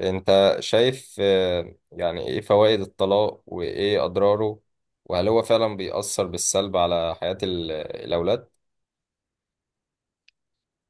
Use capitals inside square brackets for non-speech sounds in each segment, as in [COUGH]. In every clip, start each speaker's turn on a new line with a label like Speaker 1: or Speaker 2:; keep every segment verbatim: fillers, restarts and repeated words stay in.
Speaker 1: انت شايف آه، يعني ايه فوائد الطلاق وايه اضراره؟ وهل هو فعلا بيأثر بالسلب على حياة ال- الاولاد؟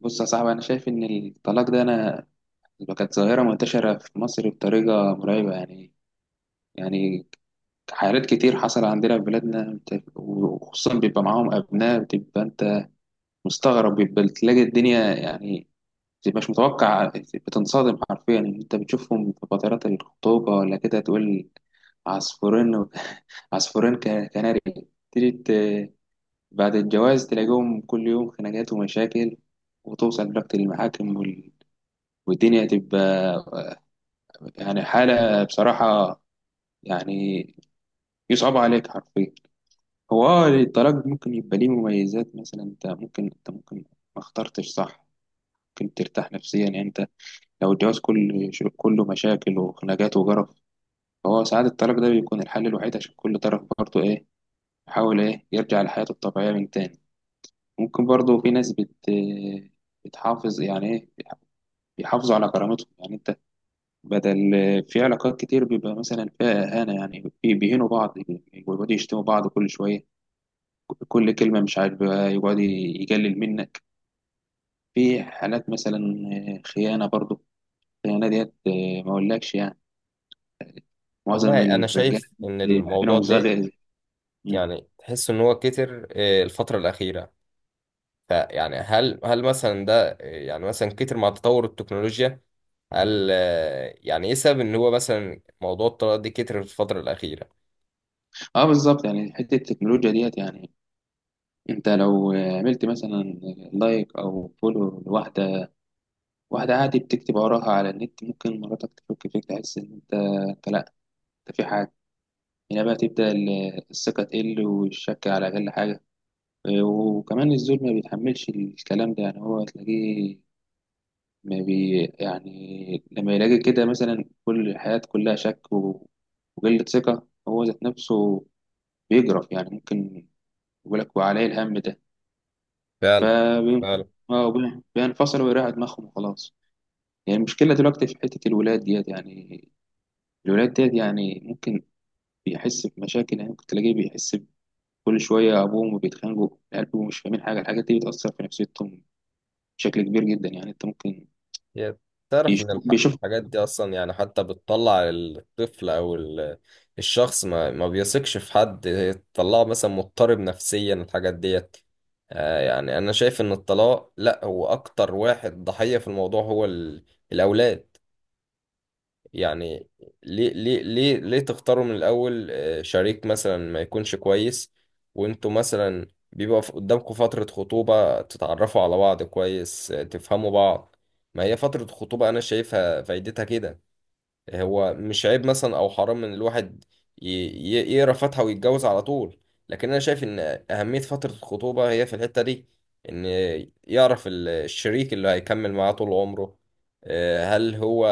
Speaker 2: بص يا صاحبي، انا شايف ان الطلاق ده، انا كانت ظاهره منتشره في مصر بطريقه مرعبه. يعني يعني حالات كتير حصل عندنا في بلادنا، وخصوصا بيبقى معاهم ابناء، بتبقى انت مستغرب. بيبقى تلاقي الدنيا يعني مش متوقع، بتنصدم حرفيا ان انت بتشوفهم في فترات الخطوبه ولا كده تقول عصفورين. [LAUGHS] عصفورين ك- كناري. تيجي ت- بعد الجواز تلاقيهم كل يوم خناقات ومشاكل، وتوصل لوقت المحاكم، والدنيا هتبقى يعني حالة بصراحة يعني يصعب عليك حرفيا. هو اه الطلاق ممكن يبقى ليه مميزات، مثلا انت ممكن انت ممكن ما اخترتش صح. ممكن ترتاح نفسيا، يعني انت لو الجواز كل ش- كله مشاكل وخناقات وجرف، فهو ساعات الطلاق ده بيكون الحل الوحيد، عشان كل طرف برضه ايه يحاول ايه يرجع لحياته الطبيعية من تاني. ممكن برضه في ناس بت بتحافظ يعني ايه، بيحافظوا على كرامتهم، يعني انت بدل في علاقات كتير بيبقى مثلا فيها إهانة، يعني بي- بيهينوا بعض ويقعدوا يشتموا بعض كل شوية، كل كلمة مش عاجبها يقعد يجلل منك. في حالات مثلا خيانة برضو. الخيانة ديت ما أقولكش، يعني معظم
Speaker 1: والله انا
Speaker 2: الرجالة
Speaker 1: شايف ان الموضوع
Speaker 2: عينهم
Speaker 1: ده
Speaker 2: زاغية. مم.
Speaker 1: يعني تحس ان هو كتر، آه، الفترة الأخيرة. فيعني هل هل مثلا ده، آه، يعني مثلا كتر مع تطور التكنولوجيا؟ هل، آه، يعني ايه سبب ان هو مثلا موضوع الطلاق ده كتر في الفترة الأخيرة؟
Speaker 2: اه بالظبط، يعني حتة التكنولوجيا ديت يعني انت لو عملت مثلا لايك او فولو لواحدة، واحدة عادي بتكتب وراها على النت، ممكن مراتك تفك فيك، تحس ان انت انت لا، انت في حاجة. هنا بقى تبدأ ال- الثقة تقل، والشك على أقل حاجة. آه، وكمان الزول ما بيتحملش الكلام ده، يعني هو تلاقيه ما بي يعني لما يلاقي كده مثلا كل الحياة كلها شك و- وقلة ثقة هو ذات نفسه، بيجرف يعني ممكن يقول لك وعليه الهم ده،
Speaker 1: فعلا. فعلا.
Speaker 2: فبينفصل ويريح دماغهم وخلاص. يعني المشكلة دلوقتي في حتة الولاد ديت، يعني الولاد ديت يعني ممكن بيحس بمشاكل، يعني ممكن تلاقيه بيحس كل شوية أبوهم بيتخانقوا، قالوا مش فاهمين حاجة. الحاجات دي بتأثر في نفسيتهم بشكل كبير جدا، يعني أنت ممكن
Speaker 1: هي تعرف
Speaker 2: يشوف
Speaker 1: إن الح-
Speaker 2: بيشوف.
Speaker 1: الحاجات دي أصلا يعني حتى بتطلع الطفل أو ال- الشخص ما, ما بيثقش في حد، هي تطلعه مثلا مضطرب نفسيا الحاجات ديت. آه يعني أنا شايف إن الطلاق لأ، هو أكتر واحد ضحية في الموضوع هو ال- الأولاد. يعني ليه ليه ليه ليه تختاروا من الأول، آه، شريك مثلا ما يكونش كويس؟ وانتوا مثلا بيبقى ف- قدامكم فترة خطوبة تتعرفوا على بعض كويس، آه، تفهموا بعض. ما هي فترة خطوبة أنا شايفها فايدتها كده. هو مش عيب مثلا او حرام ان الواحد ي- ي- يقرا فاتحه ويتجوز على طول، لكن انا شايف ان اهميه فتره الخطوبه هي في الحته دي، ان يعرف ال- الشريك اللي هيكمل معاه طول عمره، آه، هل هو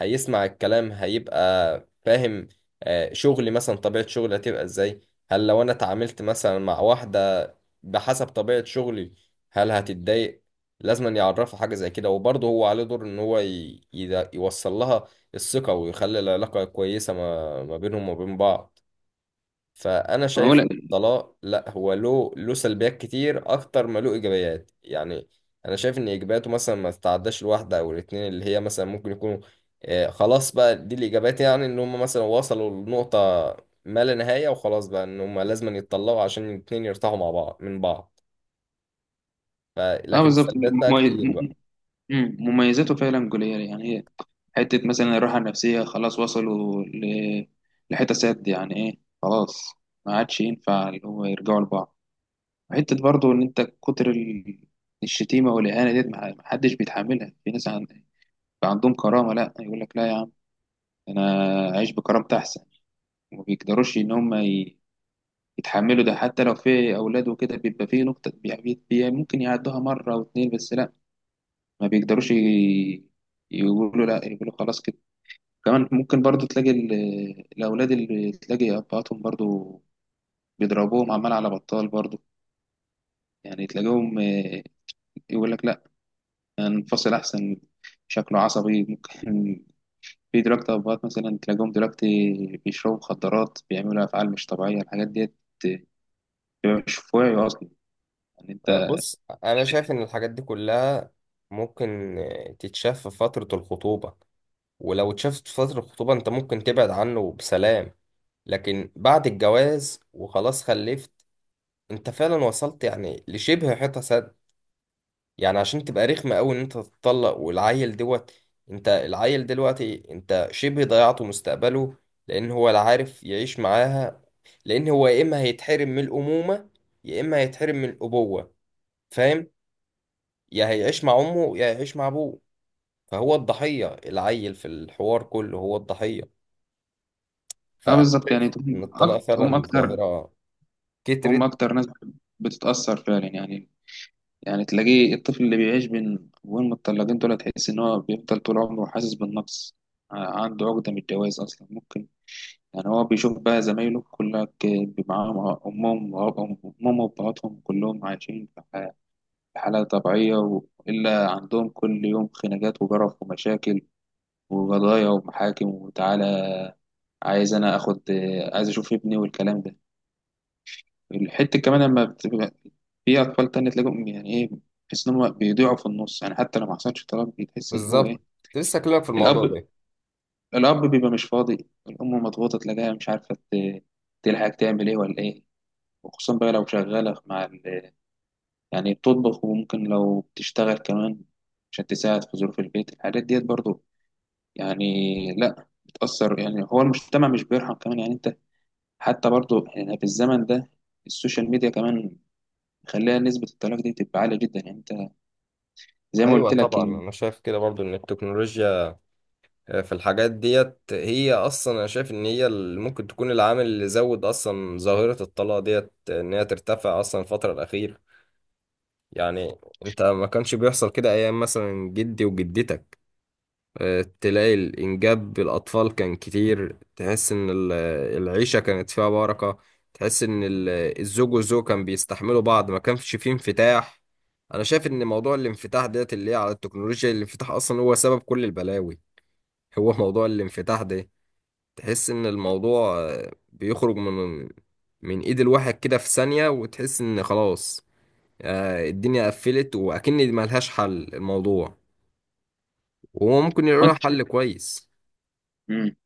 Speaker 1: هيسمع الكلام، هيبقى فاهم؟ آه، شغلي مثلا، طبيعه شغلي هتبقى ازاي؟ هل لو انا اتعاملت مثلا مع واحده بحسب طبيعه شغلي هل هتتضايق؟ لازم أن يعرفها حاجه زي كده، وبرضه هو عليه دور ان هو ي- يدا- يوصل لها الثقة ويخلي العلاقة كويسة ما, ما بينهم وبين بعض. فأنا
Speaker 2: ما هو
Speaker 1: شايف
Speaker 2: لا.
Speaker 1: الطلاق لا، هو له له سلبيات كتير أكتر ما له إيجابيات. يعني أنا شايف إن إيجابياته مثلا ما تتعداش الواحدة أو الاتنين، اللي هي مثلا ممكن يكونوا، آه، خلاص بقى دي الإيجابيات، يعني إن هم مثلا وصلوا لنقطة ما لا نهاية، وخلاص بقى إن هم لازم يتطلقوا عشان الاتنين يرتاحوا مع بعض من بعض. ف-
Speaker 2: أه
Speaker 1: لكن
Speaker 2: بالظبط،
Speaker 1: السلبيات بقى
Speaker 2: ممي-
Speaker 1: كتير بقى.
Speaker 2: مم- مميزاته فعلا جولية. يعني هي حتة مثلا الراحة النفسية، خلاص وصلوا ل- لحتة سد، يعني إيه، خلاص ما عادش ينفع اللي هو يرجعوا لبعض. حتة برضه إن أنت كتر ال- الشتيمة والإهانة ديت ما ما حدش بيتحملها. في ناس عن- عندهم كرامة، لا يقول لك لا يا عم، أنا أعيش بكرامتي أحسن. وما بيقدروش ان هم ي- يتحملوا ده حتى لو في اولاد، وكده بيبقى فيه نقطة بي- بي- ممكن يعدوها مرة واتنين بس لا، ما بيقدروش ي- يقولوا لا، يقولوا خلاص كده. كمان ممكن برضو تلاقي ال- الاولاد اللي تلاقي ابهاتهم برضو بيضربوهم عمال على بطال برضو. يعني تلاقيهم آه، يقول لك لا، انفصل احسن، شكله عصبي ممكن. [LAUGHS] في دلوقتي ابهات مثلا تلاقيهم دلوقتي بيشربوا مخدرات، بيعملوا افعال مش طبيعيه، الحاجات ديت بيبقى مش في وعيه اصلا، يعني
Speaker 1: آه،
Speaker 2: انت.
Speaker 1: بص، أنا شايف إن الحاجات دي كلها ممكن، آه، تتشاف في فترة الخطوبة، ولو اتشافت في فترة الخطوبة انت ممكن تبعد عنه بسلام. لكن بعد الجواز وخلاص خلفت، انت فعلا وصلت يعني لشبه حيطة سد. يعني عشان تبقى رخمة قوي ان انت تتطلق والعيل دوت، انت العيل دلوقتي انت شبه ضيعته مستقبله، لان هو لا عارف يعيش معاها، لان هو يا اما هيتحرم من الامومة يا اما هيتحرم من الابوة، فاهم؟ يا هيعيش مع امه يا هيعيش مع ابوه. فهو الضحية، العيل في الحوار كله هو الضحية.
Speaker 2: اه
Speaker 1: فانا
Speaker 2: بالظبط،
Speaker 1: شايف
Speaker 2: يعني
Speaker 1: ان
Speaker 2: هم
Speaker 1: الطلاق
Speaker 2: أكتر هم
Speaker 1: فعلا
Speaker 2: أكتر
Speaker 1: ظاهره
Speaker 2: هم
Speaker 1: كترت.
Speaker 2: أكتر ناس بتتأثر فعلا. يعني يعني تلاقيه الطفل اللي بيعيش بين أبوين متطلقين دول، تحس إن هو بيفضل طول عمره حاسس بالنقص، ع- عنده عقدة من الجواز أصلا ممكن. يعني هو بيشوف بقى زمايله كلك معاهم أمهم وأبهم، أمهم وأبهاتهم كلهم عايشين في ح- في حالة طبيعية، وإلا عندهم كل يوم خناقات وجرف ومشاكل وقضايا ومحاكم، وتعالى عايز أنا آخد، عايز أشوف ابني والكلام ده. الحتة كمان لما بتبقى في أطفال تانية تلاقيهم، يعني إيه، تحس إن هم بيضيعوا في النص. يعني حتى لو ما حصلش طلاق بتحس إن هو
Speaker 1: بالظبط،
Speaker 2: إيه
Speaker 1: كنت لسه اكلمك في الموضوع
Speaker 2: الأب.
Speaker 1: ده.
Speaker 2: الأب بيبقى مش فاضي، الأم مضغوطة تلاقيها مش عارفة ت- تلحق تعمل إيه ولا إيه. وخصوصا بقى لو شغالة مع ال... يعني بتطبخ، وممكن لو بتشتغل كمان عشان تساعد في ظروف البيت. الحاجات ديت برضو، يعني لأ بتأثر. يعني هو المجتمع مش بيرحم كمان، يعني أنت. حتى برضو يعني في الزمن ده السوشيال ميديا كمان خليها نسبة الطلاق دي تبقى عالية جدا، يعني زي ما
Speaker 1: ايوه
Speaker 2: قلت لك
Speaker 1: طبعا،
Speaker 2: يعني.
Speaker 1: انا شايف كده برضو، ان التكنولوجيا في الحاجات ديت هي اصلا، انا شايف ان هي اللي ممكن تكون العامل اللي زود اصلا ظاهره الطلاق ديت، ان هي ترتفع اصلا الفتره الاخيره. يعني انت ما كانش بيحصل كده ايام مثلا جدي وجدتك، آه، تلاقي الإنجاب بالأطفال كان كتير، تحس إن ال- العيشة كانت فيها بركة. تحس إن ال- الزوج والزوج كان بيستحملوا بعض، ما كانش فيه انفتاح. أنا شايف إن موضوع الانفتاح ديت اللي هي على التكنولوجيا، الانفتاح أصلا هو سبب كل البلاوي. هو موضوع الانفتاح ده، تحس إن الموضوع، آه، بيخرج من من إيد الواحد كده في ثانية، وتحس إن خلاص، آه، الدنيا قفلت وأكن ملهاش حل الموضوع، وهو ممكن يلاقي له
Speaker 2: وانت
Speaker 1: حل
Speaker 2: شايف.
Speaker 1: كويس
Speaker 2: امم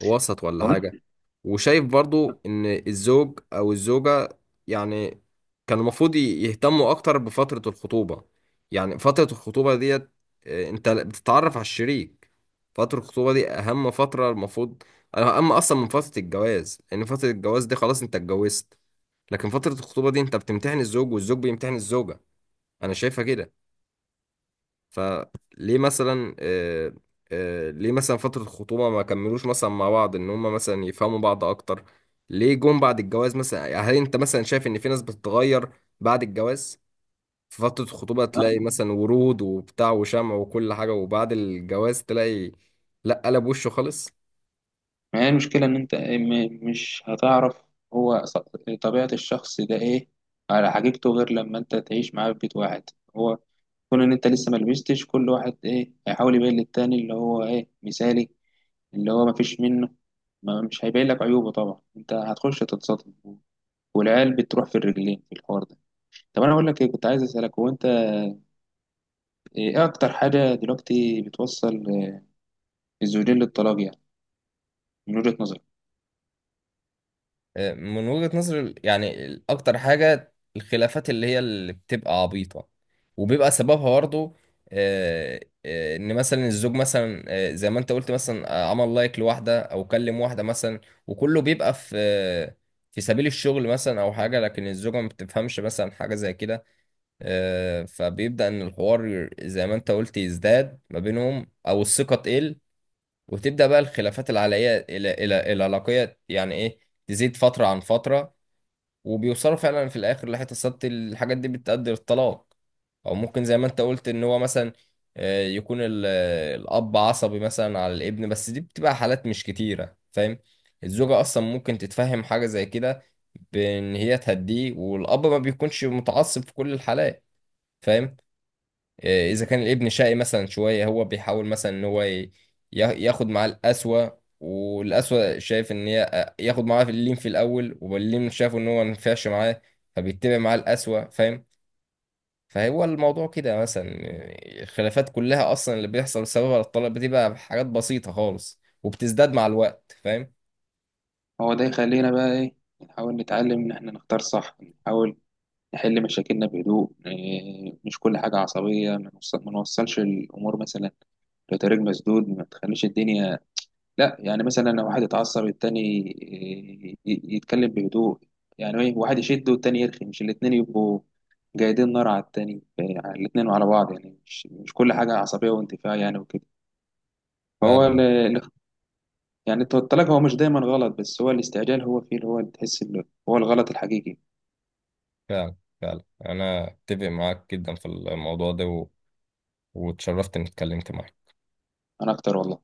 Speaker 1: وسط ولا
Speaker 2: وانت
Speaker 1: حاجة. وشايف برضو ان الزوج او الزوجة يعني كان المفروض ي- يهتموا اكتر بفترة الخطوبة. يعني فترة الخطوبة ديت، آه، انت بتتعرف على الشريك. فترة الخطوبة دي اهم فترة المفروض، اهم اصلا من فترة الجواز، لان فترة الجواز دي خلاص انت اتجوزت، لكن فترة الخطوبة دي انت بتمتحن الزوج والزوج بيمتحن الزوجة، انا شايفها كده. فليه مثلا، آه، آه، ليه مثلا فترة الخطوبة ما كملوش مثلا مع بعض ان هما مثلا يفهموا بعض اكتر؟ ليه جم بعد الجواز مثلا؟ يعني هل انت مثلا شايف ان في ناس بتتغير بعد الجواز؟ في فترة الخطوبة تلاقي
Speaker 2: آه.
Speaker 1: مثلا ورود وبتاع وشمع وكل حاجة، وبعد الجواز تلاقي لا، قلب وشه خالص.
Speaker 2: ما هي المشكله ان انت إيه، م- مش هتعرف هو ص- طبيعه الشخص ده ايه على حقيقته، غير لما انت تعيش معاه في بيت واحد. هو كون ان انت لسه ما لبستش، كل واحد ايه هيحاول يبين للتاني اللي هو ايه مثالي، اللي هو ما فيش منه، ما مش هيبين لك عيوبه طبعا. انت هتخش تتصدم والعيال بتروح في الرجلين في الحوار ده. طب انا اقول لك ايه، كنت عايز اسالك هو انت ايه اكتر حاجه دلوقتي بتوصل الزوجين للطلاق، يعني من وجهة نظرك؟
Speaker 1: من وجهة نظري ال- يعني ال- اكتر حاجة الخلافات اللي هي اللي بتبقى عبيطة، وبيبقى سببها برضه، آه، آه، ان مثلا الزوج مثلا، آه، زي ما انت قلت مثلا، آه، عمل لايك لواحدة او كلم واحدة مثلا، وكله بيبقى في، آه، في سبيل الشغل مثلا او حاجة، لكن الزوجة ما بتفهمش مثلا حاجة زي كده. آه، فبيبدأ ان الحوار زي ما انت قلت يزداد ما بينهم او الثقة تقل، وتبدأ بقى الخلافات العلاقية الى الى العلاقية يعني ايه تزيد فترة عن فترة، وبيوصلوا فعلا في الاخر لحته السبت، الحاجات دي بتؤدي للطلاق. او ممكن زي ما انت قلت ان هو مثلا، آه، يكون ال- آه، الاب عصبي مثلا على الابن، بس دي بتبقى حالات مش كتيره، فاهم؟ الزوجه اصلا ممكن تتفهم حاجه زي كده، بان هي تهديه، والاب ما بيكونش متعصب في كل الحالات، فاهم؟ آه، اذا كان الابن شقي مثلا شويه هو بيحاول مثلا ان هو ي- يا- ياخد معاه القسوه، والقسوه شايف ان هي، آه، ياخد معاه في اللين في الاول واللين شافه ان هو ما ينفعش معاه، فبيتبع معاه القسوه، فاهم؟ فهو الموضوع كده مثلا، آه، الخلافات كلها اصلا اللي بيحصل بسببها الطلاق بتبقى حاجات بسيطه خالص وبتزداد مع الوقت، فاهم؟
Speaker 2: هو ده يخلينا بقى ايه، نحاول نتعلم ان احنا نختار صح، نحاول نحل مشاكلنا بهدوء، إيه، مش كل حاجة عصبية. ما نوصل- ما نوصلش الامور مثلا لطريق مسدود، ما تخليش الدنيا لا. يعني مثلا لو واحد اتعصب التاني إيه، ي- يتكلم بهدوء، يعني ايه، واحد يشد والتاني يرخي، مش الاتنين يبقوا جايدين نار على التاني إيه، على الاتنين وعلى بعض، يعني مش, مش كل حاجة عصبية وانتفاع يعني وكده. فهو
Speaker 1: فعلا.
Speaker 2: ال- يعني التلج هو مش دايما غلط، بس هو الاستعجال هو فيه اللي هو اللي تحس اللي هو الغلط الحقيقي.
Speaker 1: فعلا. فعلا انا اتفق معاك جدا في الموضوع ده و... واتشرفت اني اتكلمت معاك.
Speaker 2: انا اكتر والله.